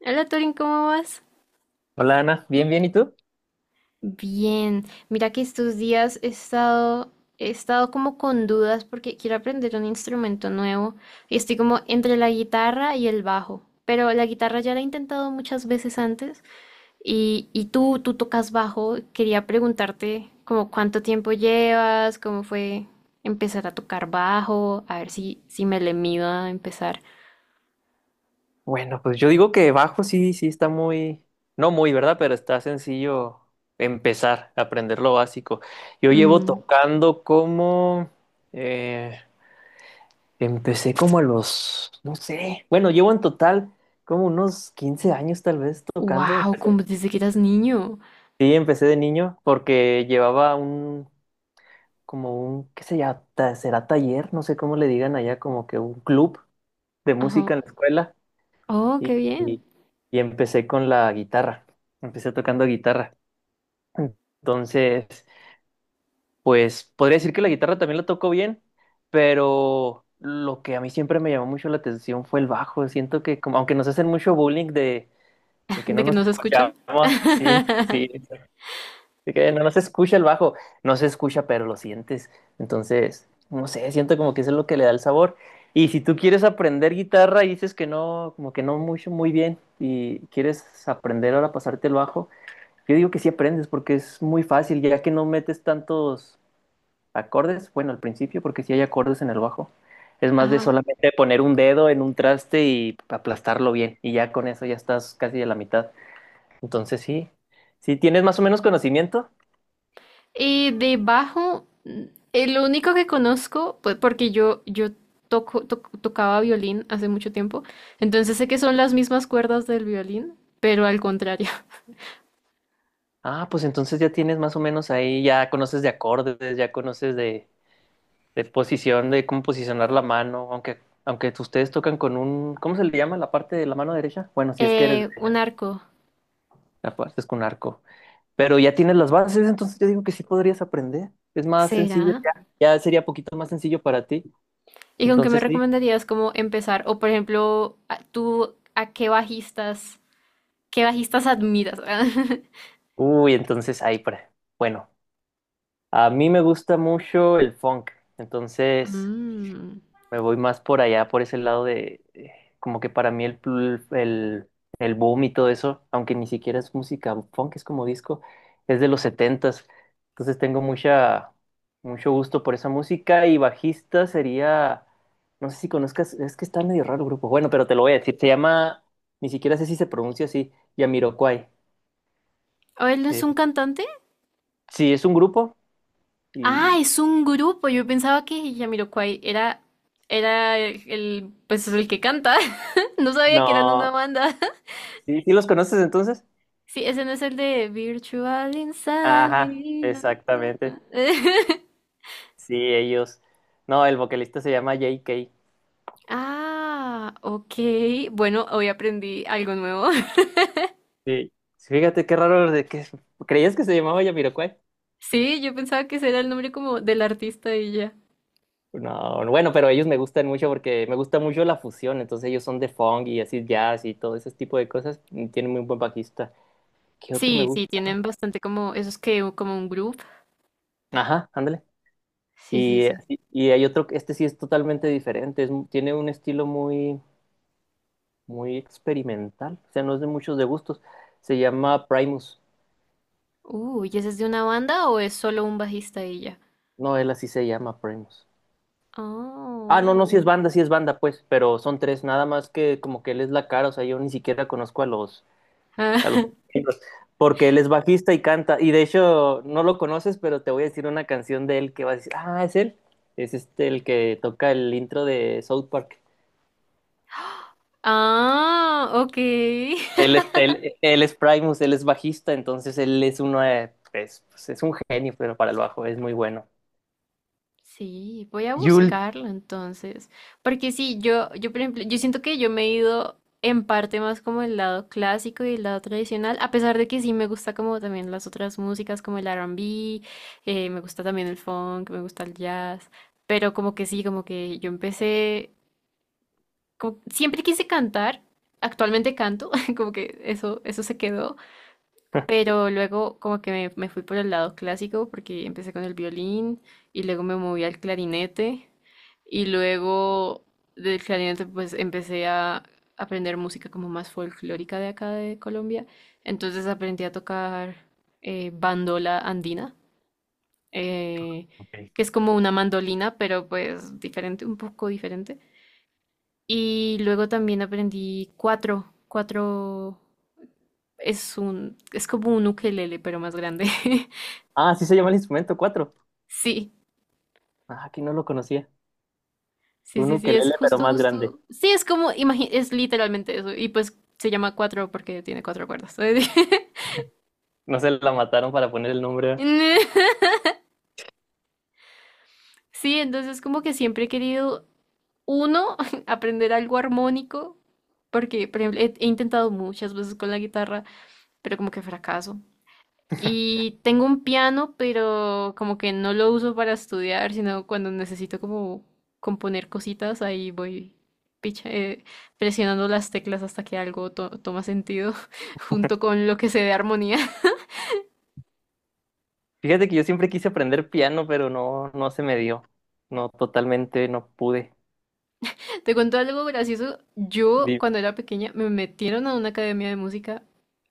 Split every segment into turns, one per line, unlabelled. Hola Torin, ¿cómo vas?
Hola Ana, bien, bien, ¿y tú?
Bien, mira que estos días he estado como con dudas porque quiero aprender un instrumento nuevo y estoy como entre la guitarra y el bajo, pero la guitarra ya la he intentado muchas veces antes y tú tocas bajo, quería preguntarte como cuánto tiempo llevas, cómo fue empezar a tocar bajo, a ver si me le mido a empezar.
Bueno, pues yo digo que bajo sí, sí está muy, no muy, ¿verdad? Pero está sencillo empezar a aprender lo básico. Yo llevo
Mm.
tocando como, eh, empecé como a los, no sé, bueno, llevo en total como unos 15 años tal vez tocando.
Wow, como desde que eras niño.
Sí, empecé de niño porque llevaba un, como un, qué sé ya, será taller, no sé cómo le digan allá, como que un club de música
Ajá.
en la escuela.
Oh,
y,
qué bien.
y- y empecé con la guitarra. Empecé tocando guitarra. Entonces, pues podría decir que la guitarra también la tocó bien, pero lo que a mí siempre me llamó mucho la atención fue el bajo. Siento que, como, aunque nos hacen mucho bullying de que no
De que
nos
no se
escuchamos,
escuchan.
sí, sí, así que no, no se escucha el bajo, no se escucha, pero lo sientes. Entonces, no sé, siento como que eso es lo que le da el sabor. Y si tú quieres aprender guitarra y dices que no, como que no mucho, muy bien, y quieres aprender ahora a pasarte el bajo, yo digo que sí aprendes porque es muy fácil, ya que no metes tantos acordes, bueno, al principio, porque sí hay acordes en el bajo. Es más de
Ajá.
solamente poner un dedo en un traste y aplastarlo bien, y ya con eso ya estás casi a la mitad. Entonces, sí, si tienes más o menos conocimiento.
Y de bajo, el único que conozco, pues porque yo tocaba violín hace mucho tiempo, entonces sé que son las mismas cuerdas del violín, pero al contrario.
Ah, pues entonces ya tienes más o menos ahí, ya conoces de acordes, ya conoces de, posición, de cómo posicionar la mano, aunque ustedes tocan con un, ¿cómo se le llama la parte de la mano derecha? Bueno, si es que eres
Eh,
derecha,
un arco.
la parte es con arco. Pero ya tienes las bases, entonces yo digo que sí podrías aprender. Es más sencillo
¿Será?
ya, sería poquito más sencillo para ti.
¿Y con qué me
Entonces sí.
recomendarías cómo empezar? O por ejemplo, tú, ¿ qué bajistas admiras?
Uy, entonces ahí, bueno, a mí me gusta mucho el funk, entonces.
Mm.
Me voy más por allá, por ese lado de, como que para mí el, el boom y todo eso, aunque ni siquiera es música funk, es como disco, es de los setentas. Entonces tengo mucho gusto por esa música y bajista sería, no sé si conozcas, es que está medio raro el grupo. Bueno, pero te lo voy a decir, se llama, ni siquiera sé si se pronuncia así, Yamiroquai.
¿O él es
Eh,
un cantante?
sí, es un grupo
Ah,
y
es un grupo. Yo pensaba que Jamiroquai era el, pues el que canta. No sabía que eran una
no,
banda.
sí, ¿sí los conoces entonces?
Sí, ese no es el de Virtual
Ajá,
Insanity.
exactamente. Sí, ellos. No, el vocalista se llama JK.
Ah, ok. Bueno, hoy aprendí algo nuevo.
Sí. Fíjate qué raro de que creías que se llamaba Jamiroquai.
Sí, yo pensaba que ese era el nombre como del artista y ya.
No, bueno, pero ellos me gustan mucho porque me gusta mucho la fusión, entonces ellos son de funk y así jazz y todo ese tipo de cosas. Y tienen muy buen bajista. ¿Qué otro me
Sí, sí,
gusta?
tienen bastante como esos que como un grupo.
Ajá, ándale.
Sí, sí, sí.
Y hay otro, este sí es totalmente diferente, es tiene un estilo muy, muy experimental, o sea, no es de muchos de gustos. Se llama Primus.
¿Y ese es de una banda o es solo un bajista y ya?
No, él así se llama Primus. Ah, no,
Oh.
no, si es banda, si es banda, pues, pero son tres, nada más que como que él es la cara, o sea, yo ni siquiera conozco a los,
Ah.
a los miembros, porque él es bajista y canta, y de hecho no lo conoces, pero te voy a decir una canción de él que vas a decir, ah, es él, es este el que toca el intro de South Park.
Ah, ok.
Él es, él, él es Primus, él es bajista, entonces él es uno, es, pues, es un genio, pero para el bajo es muy bueno.
Sí, voy a
Yul.
buscarlo entonces. Porque sí, yo, por ejemplo, yo siento que yo me he ido en parte más como el lado clásico y el lado tradicional, a pesar de que sí me gusta como también las otras músicas como el R&B, me gusta también el funk, me gusta el jazz, pero como que sí, como que yo empecé, siempre quise cantar, actualmente canto, como que eso se quedó. Pero luego como que me fui por el lado clásico porque empecé con el violín y luego me moví al clarinete y luego del clarinete pues empecé a aprender música como más folclórica de acá de Colombia. Entonces aprendí a tocar bandola andina, eh,
Ok.
que es como una mandolina, pero pues diferente, un poco diferente. Y luego también aprendí cuatro, cuatro, es como un ukelele, pero más grande.
Ah, sí se llama el instrumento, cuatro.
Sí,
Ah, aquí no lo conocía.
sí,
Un
sí, sí, es
ukelele, pero
justo,
más grande.
justo. Sí, es como, es literalmente eso. Y pues se llama cuatro porque tiene cuatro cuerdas.
No se la mataron para poner el nombre.
Sí, entonces como que siempre he querido, uno, aprender algo armónico, porque, por ejemplo, he intentado muchas veces con la guitarra, pero como que fracaso. Y tengo un piano, pero como que no lo uso para estudiar, sino cuando necesito como componer cositas, ahí voy picha- eh, presionando las teclas hasta que algo toma sentido junto con lo que se dé armonía.
Fíjate que yo siempre quise aprender piano, pero no, no se me dio. No, totalmente no pude.
Te cuento algo gracioso. Yo
Di-
cuando era pequeña me metieron a una academia de música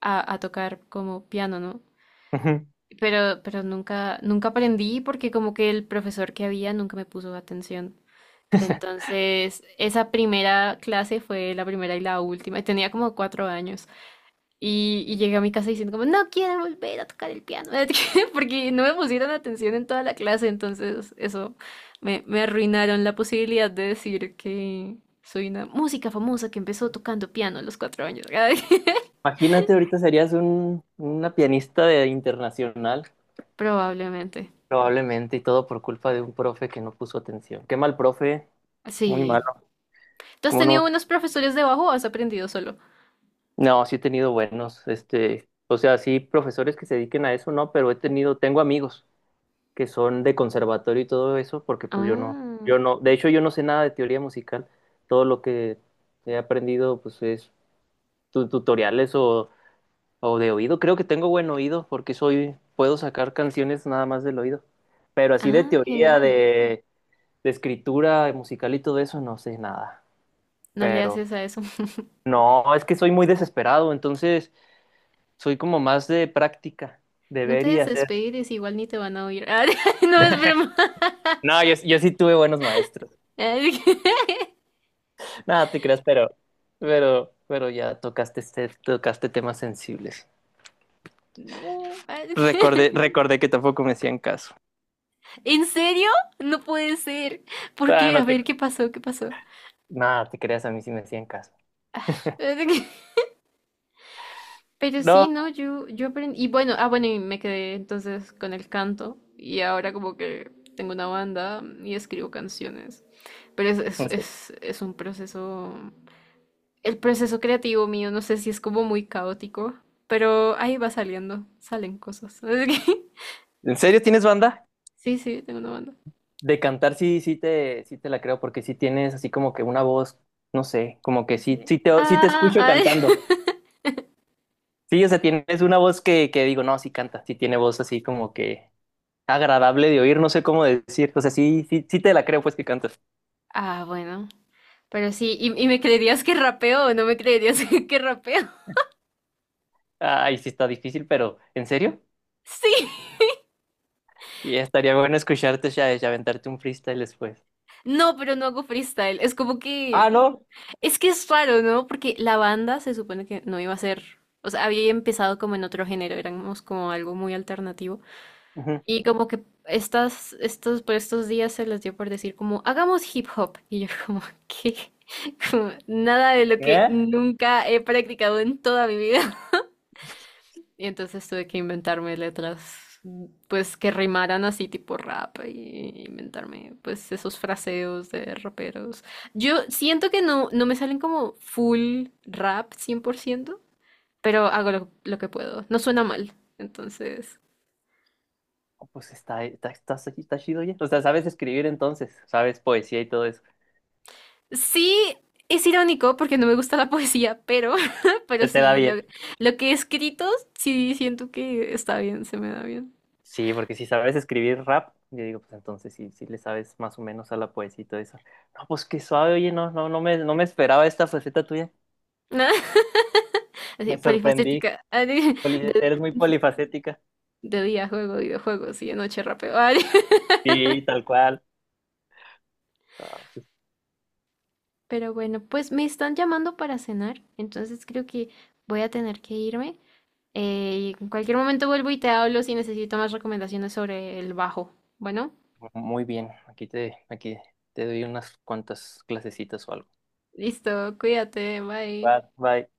a tocar como piano, ¿no?
Ujú.
Pero nunca, nunca aprendí porque como que el profesor que había nunca me puso atención. Entonces, esa primera clase fue la primera y la última. Tenía como 4 años. Y llegué a mi casa diciendo como, no quiero volver a tocar el piano. Porque no me pusieron atención en toda la clase. Entonces, eso me arruinaron la posibilidad de decir que soy una música famosa que empezó tocando piano a los 4 años.
Imagínate, ahorita serías una pianista de internacional,
Probablemente.
probablemente, y todo por culpa de un profe que no puso atención. Qué mal profe, muy
Sí.
malo.
¿Tú has
¿Cómo
tenido
no?
unos profesores de bajo o has aprendido solo?
No, sí he tenido buenos, o sea, sí profesores que se dediquen a eso, no, pero tengo amigos. Que son de conservatorio y todo eso, porque pues yo no,
Ah.
de hecho yo no sé nada de teoría musical, todo lo que he aprendido pues es tutoriales o, de oído, creo que tengo buen oído porque puedo sacar canciones nada más del oído, pero así de
Ah,
teoría,
genial.
de, escritura musical y todo eso no sé nada,
No le
pero
haces a eso.
no, es que soy muy desesperado, entonces soy como más de práctica, de
No te
ver y hacer.
desesperes, igual ni te van a oír. Ah, no, es broma.
No, yo, sí tuve buenos maestros.
Ah.
Nada, te creas, pero ya tocaste, tocaste temas sensibles.
No. Ah.
Recordé, recordé que tampoco me hacían caso.
¿En serio? No puede ser. ¿Por
Ah,
qué? A ver, ¿qué pasó? ¿Qué pasó?
nada, te creas, a mí sí me hacían caso.
Pero sí,
No,
no, yo aprendí. Y bueno, ah, bueno, y me quedé entonces con el canto. Y ahora como que tengo una banda, y escribo canciones. Pero es, es,
¿en serio,
es, es un proceso. El proceso creativo mío, no sé si es como muy caótico. Pero ahí va saliendo, salen cosas.
¿En serio tienes banda?
Sí, sí, tengo una banda.
De cantar sí, sí te la creo, porque sí tienes así como que una voz, no sé, como que
Así
sí,
de,
sí te
ah,
escucho
ay.
cantando. Sí, o sea, tienes una voz que digo, no, sí canta, sí tiene voz así como que agradable de oír, no sé cómo decir. O sea, sí, sí, sí te la creo pues que cantas.
Ah, bueno. Pero sí, ¿y me creerías que rapeo o no me creerías que rapeo?
Ay, sí está difícil, pero ¿en serio?
Sí.
Y estaría bueno escucharte, ya y aventarte un freestyle después.
No, pero no hago freestyle. Es como
Ah,
que.
¿no?
Es que es raro, ¿no? Porque la banda se supone que no iba a ser. O sea, había empezado como en otro género, éramos como algo muy alternativo.
Ujú.
Y como que estos, por estos días se les dio por decir como, hagamos hip hop. Y yo como, ¿qué? Como, nada de lo que
¿Qué?
nunca he practicado en toda mi vida. Y entonces tuve que inventarme letras, pues que rimaran así tipo rap y inventarme pues esos fraseos de raperos. Yo siento que no, no me salen como full rap 100%, pero hago lo que puedo. No suena mal. Entonces,
Oh, pues está chido ya. O sea, sabes escribir entonces, sabes poesía y todo eso.
sí, es irónico porque no me gusta la poesía, pero, pero
Se te da
sí, lo,
bien.
lo que he escrito, sí siento que está bien, se me da bien.
Sí, porque si sabes escribir rap, yo digo, pues entonces sí, sí le sabes más o menos a la poesía y todo eso. No, pues qué suave, oye, no me esperaba esta faceta tuya.
Así,
Me sorprendí.
polifacética.
Eres muy polifacética.
De día juego videojuegos y de noche rapeo.
Sí, tal cual. Ah, sí.
Pero bueno, pues me están llamando para cenar, entonces creo que voy a tener que irme. Y en cualquier momento vuelvo y te hablo si necesito más recomendaciones sobre el bajo. Bueno,
Muy bien, aquí te, doy unas cuantas clasecitas o algo.
listo, cuídate,
Va,
bye.
bye.